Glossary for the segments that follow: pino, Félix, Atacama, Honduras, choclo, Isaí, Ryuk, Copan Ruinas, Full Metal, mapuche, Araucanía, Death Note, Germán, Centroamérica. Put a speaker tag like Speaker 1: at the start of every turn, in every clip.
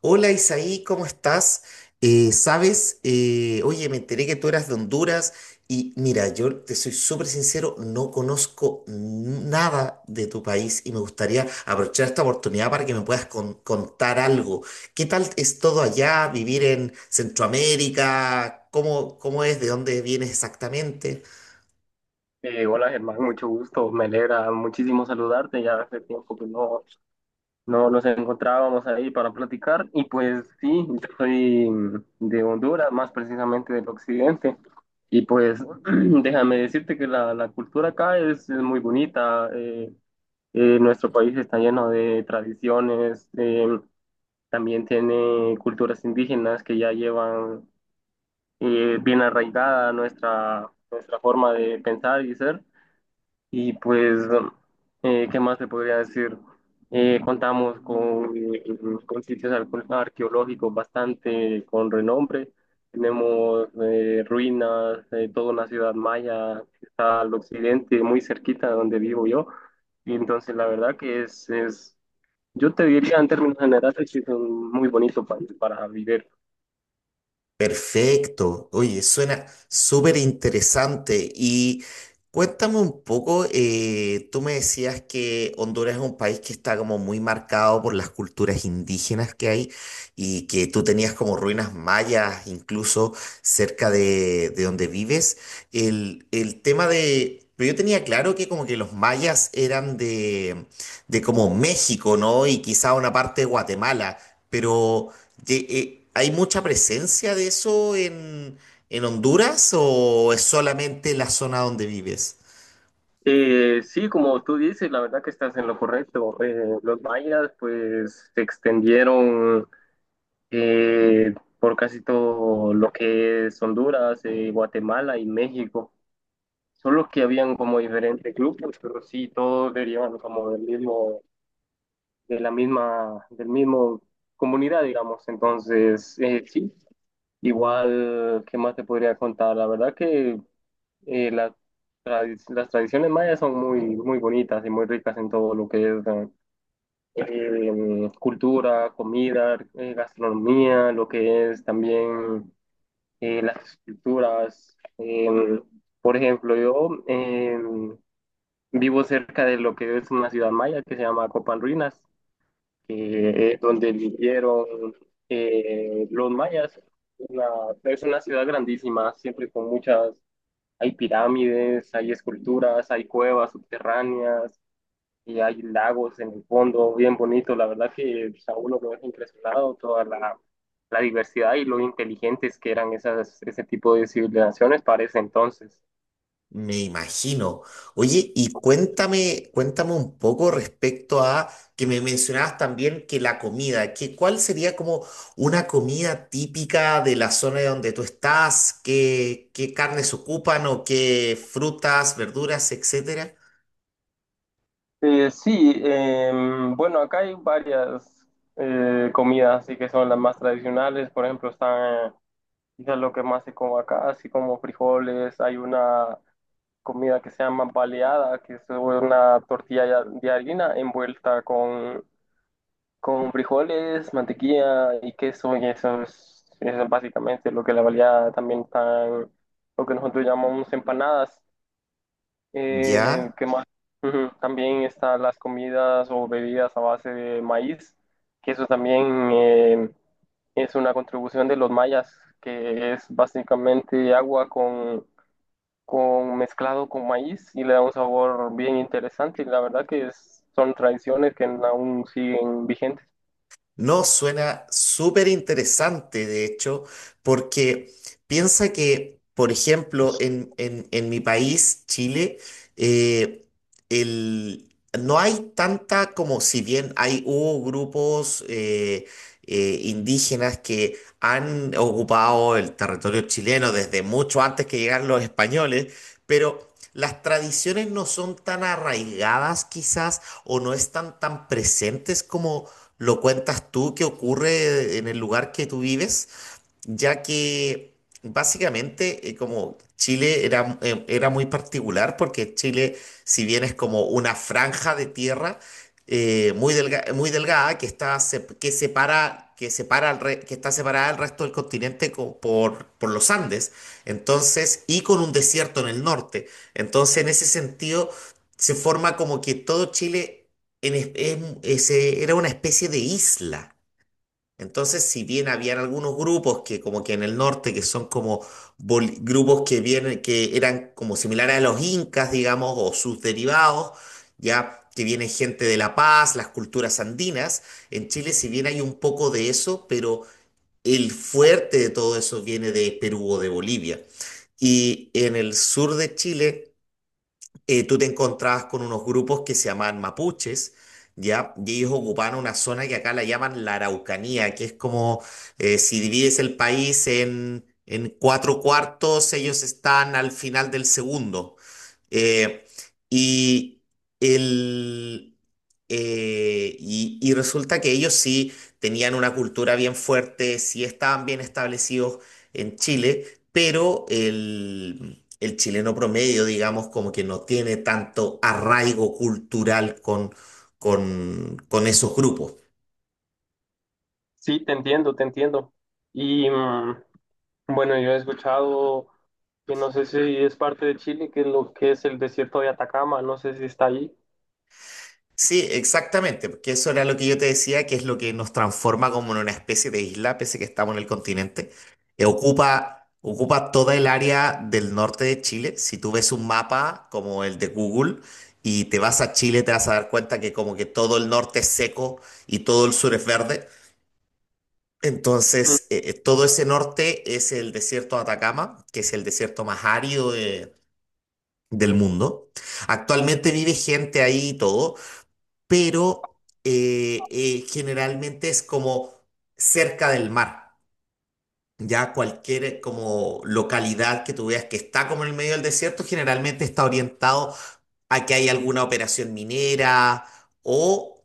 Speaker 1: Hola Isaí, ¿cómo estás? Sabes, oye, me enteré que tú eras de Honduras y mira, yo te soy súper sincero, no conozco nada de tu país y me gustaría aprovechar esta oportunidad para que me puedas contar algo. ¿Qué tal es todo allá, vivir en Centroamérica? ¿Cómo es? ¿De dónde vienes exactamente?
Speaker 2: Hola Germán, mucho gusto, me alegra muchísimo saludarte, ya hace tiempo que no nos encontrábamos ahí para platicar y pues sí, yo soy de Honduras, más precisamente del occidente y pues déjame decirte que la cultura acá es muy bonita, nuestro país está lleno de tradiciones, también tiene culturas indígenas que ya llevan bien arraigada nuestra forma de pensar y ser. Y pues, ¿qué más te podría decir? Contamos con sitios arqueológicos bastante con renombre. Tenemos ruinas, toda una ciudad maya que está al occidente, muy cerquita de donde vivo yo. Y entonces la verdad que yo te diría en términos generales que es un muy bonito país para vivir.
Speaker 1: Perfecto. Oye, suena súper interesante. Y cuéntame un poco, tú me decías que Honduras es un país que está como muy marcado por las culturas indígenas que hay y que tú tenías como ruinas mayas incluso cerca de donde vives. El tema de... Pero yo tenía claro que como que los mayas eran de como México, ¿no? Y quizá una parte de Guatemala, pero... ¿Hay mucha presencia de eso en Honduras o es solamente la zona donde vives?
Speaker 2: Sí, como tú dices, la verdad que estás en lo correcto. Los mayas pues se extendieron por casi todo lo que es Honduras, Guatemala y México. Solo que habían como diferentes grupos, pero sí, todos derivan como del mismo, de la misma, del mismo comunidad, digamos. Entonces, sí, igual, ¿qué más te podría contar? La verdad que eh, la las tradiciones mayas son muy, muy bonitas y muy ricas en todo lo que es cultura, comida, gastronomía, lo que es también las estructuras. Por ejemplo, yo vivo cerca de lo que es una ciudad maya que se llama Copan Ruinas, que es donde vivieron los mayas. Una- es una ciudad grandísima, siempre con hay pirámides, hay esculturas, hay cuevas subterráneas, y hay lagos en el fondo, bien bonito. La verdad que pues, a uno lo deja impresionado toda la diversidad y lo inteligentes que eran ese tipo de civilizaciones para ese entonces.
Speaker 1: Me imagino. Oye, y cuéntame un poco respecto a que me mencionabas también que la comida, que cuál sería como una comida típica de la zona de donde tú estás, qué carnes ocupan o qué frutas, verduras, etcétera.
Speaker 2: Sí, bueno, acá hay varias comidas, así que son las más tradicionales. Por ejemplo, están quizás lo que más se come acá, así como frijoles. Hay una comida que se llama baleada, que es una tortilla de harina envuelta con frijoles, mantequilla y queso, y eso es básicamente lo que la valía también están, lo que nosotros llamamos empanadas.
Speaker 1: ¿Ya?
Speaker 2: ¿Qué más? Ujú, también están las comidas o bebidas a base de maíz, que eso también es una contribución de los mayas, que es básicamente agua con mezclado con maíz y le da un sabor bien interesante. Y la verdad que son tradiciones que aún siguen vigentes.
Speaker 1: No, suena súper interesante, de hecho, porque piensa que, por ejemplo, en mi país, Chile, eh, el- no hay tanta como si bien hay hubo grupos indígenas que han ocupado el territorio chileno desde mucho antes que llegaran los españoles, pero las tradiciones no son tan arraigadas quizás o no están tan presentes como lo cuentas tú que ocurre en el lugar que tú vives ya que básicamente como Chile era, era muy particular porque Chile, si bien es como una franja de tierra muy delgada que que separa que está separada del resto del continente por los Andes, entonces y con un desierto en el norte, entonces en ese sentido se forma como que todo Chile en es- era una especie de isla. Entonces, si bien habían algunos grupos que como que en el norte, que son como grupos que vienen, que eran como similares a los incas, digamos, o sus derivados, ya que viene gente de La Paz, las culturas andinas, en Chile si bien hay un poco de eso, pero el fuerte de todo eso viene de Perú o de Bolivia. Y en el sur de Chile tú te encontrabas con unos grupos que se llamaban mapuches, ¿ya? Y ellos ocupaban una zona que acá la llaman la Araucanía, que es como si divides el país en cuatro cuartos, ellos están al final del segundo. Eh, y, el, y resulta que ellos sí tenían una cultura bien fuerte, sí estaban bien establecidos en Chile, pero el chileno promedio, digamos, como que no tiene tanto arraigo cultural con esos grupos.
Speaker 2: Sí, te entiendo, te entiendo. Y mm, bueno, yo he escuchado que no sé si es parte de Chile, que es lo que es el desierto de Atacama, no sé si está ahí.
Speaker 1: Sí, exactamente, porque eso era lo que yo te decía, que es lo que nos transforma como en una especie de isla, pese que estamos en el continente. Ocupa toda el área del norte de Chile. Si tú ves un mapa como el de Google y te vas a Chile, te vas a dar cuenta que como que todo el norte es seco y todo el sur es verde.
Speaker 2: Mm,
Speaker 1: Entonces, todo ese norte es el desierto de Atacama, que es el desierto más árido del mundo. Actualmente vive gente ahí y todo, pero generalmente es como cerca del mar. Ya cualquier como localidad que tú veas que está como en el medio del desierto, generalmente está orientado a que hay alguna operación minera o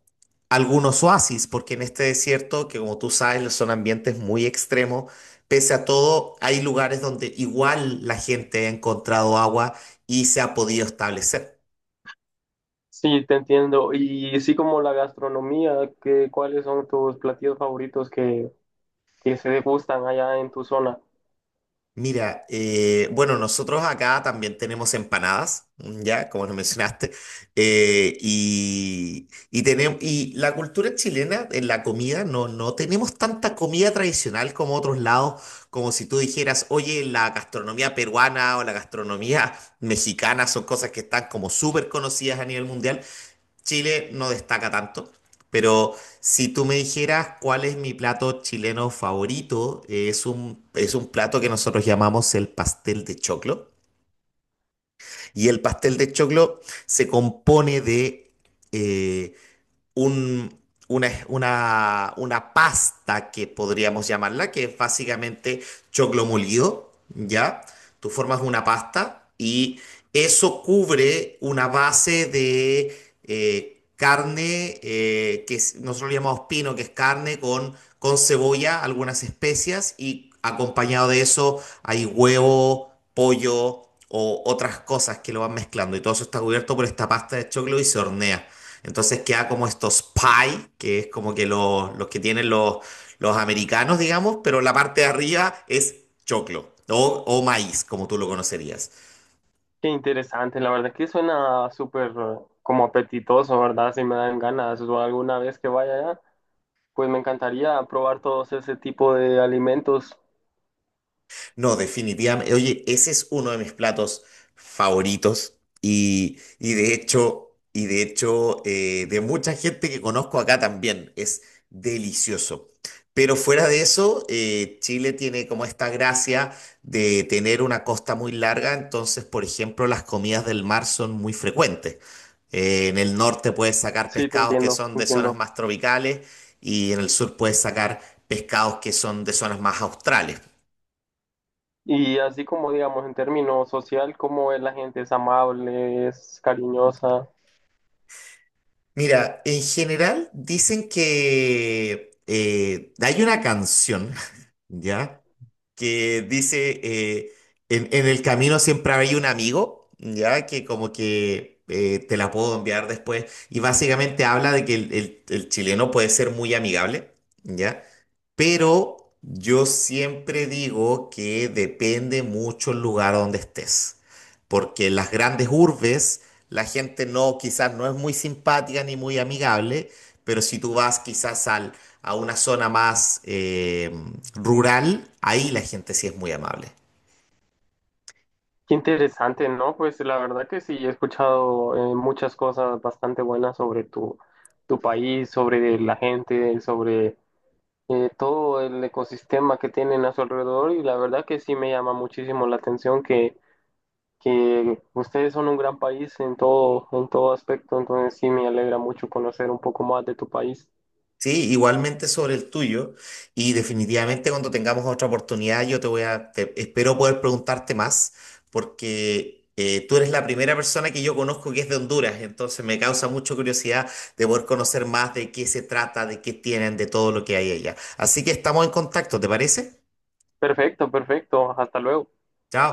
Speaker 1: algunos oasis, porque en este desierto, que como tú sabes, son ambientes muy extremos, pese a todo, hay lugares donde igual la gente ha encontrado agua y se ha podido establecer.
Speaker 2: sí, te entiendo. Y sí, como la gastronomía, ¿qué ¿cuáles son tus platillos favoritos que se degustan allá en tu zona?
Speaker 1: Mira, bueno, nosotros acá también tenemos empanadas, mm, ya, como lo mencionaste, tenemos, y la cultura chilena en la comida, no, no tenemos tanta comida tradicional como otros lados, como si tú dijeras, oye, la gastronomía peruana o la gastronomía mexicana son cosas que están como súper conocidas a nivel mundial. Chile no destaca tanto, pero si tú me dijeras cuál es mi plato chileno favorito, es un plato que nosotros llamamos el pastel de choclo. Y el pastel de choclo se compone de eh, un- una pasta que podríamos llamarla, que es básicamente choclo molido, ¿ya? Tú formas una pasta y eso cubre una base de carne, nosotros le llamamos pino, que es carne con cebolla, algunas especias y acompañado de eso hay huevo, pollo o otras cosas que lo van mezclando y todo eso está cubierto por esta pasta de choclo y se hornea. Entonces queda como estos pie, que es como que los que tienen los americanos, digamos, pero la parte de arriba es choclo o maíz, como tú lo conocerías.
Speaker 2: Qué interesante, la verdad que suena súper como apetitoso, ¿verdad? Si me dan ganas o alguna vez que vaya allá. Pues me encantaría probar todos ese tipo de alimentos.
Speaker 1: No, definitivamente. Oye, ese es uno de mis platos favoritos y de hecho, de mucha gente que conozco acá también. Es delicioso. Pero fuera de eso, Chile tiene como esta gracia de tener una costa muy larga, entonces, por ejemplo, las comidas del mar son muy frecuentes. En el norte puedes sacar
Speaker 2: Sí, te
Speaker 1: pescados que
Speaker 2: entiendo,
Speaker 1: son
Speaker 2: te
Speaker 1: de zonas
Speaker 2: entiendo.
Speaker 1: más tropicales y en el sur puedes sacar pescados que son de zonas más australes.
Speaker 2: Y así como, digamos, en términos social, cómo es la gente, es amable, es cariñosa.
Speaker 1: Mira, en general dicen que hay una canción, ¿ya? Que dice, en el camino siempre hay un amigo, ¿ya? Que como que te la puedo enviar después. Y básicamente habla de que el chileno puede ser muy amigable, ¿ya? Pero yo siempre digo que depende mucho el lugar donde estés porque en las grandes urbes la gente no, quizás no es muy simpática ni muy amigable, pero si tú vas quizás a una zona más rural, ahí la gente sí es muy amable.
Speaker 2: Qué interesante, ¿no? Pues la verdad que sí, he escuchado muchas cosas bastante buenas sobre tu país, sobre la gente, sobre todo el ecosistema que tienen a su alrededor. Y la verdad que sí me llama muchísimo la atención que ustedes son un gran país en todo aspecto. Entonces sí me alegra mucho conocer un poco más de tu país.
Speaker 1: Sí, igualmente sobre el tuyo. Y definitivamente cuando tengamos otra oportunidad, yo te voy a, te- espero poder preguntarte más, porque tú eres la primera persona que yo conozco que es de Honduras, entonces me causa mucha curiosidad de poder conocer más de qué se trata, de qué tienen, de todo lo que hay allá. Así que estamos en contacto, ¿te parece?
Speaker 2: Perfecto, perfecto. Hasta luego.
Speaker 1: Chao.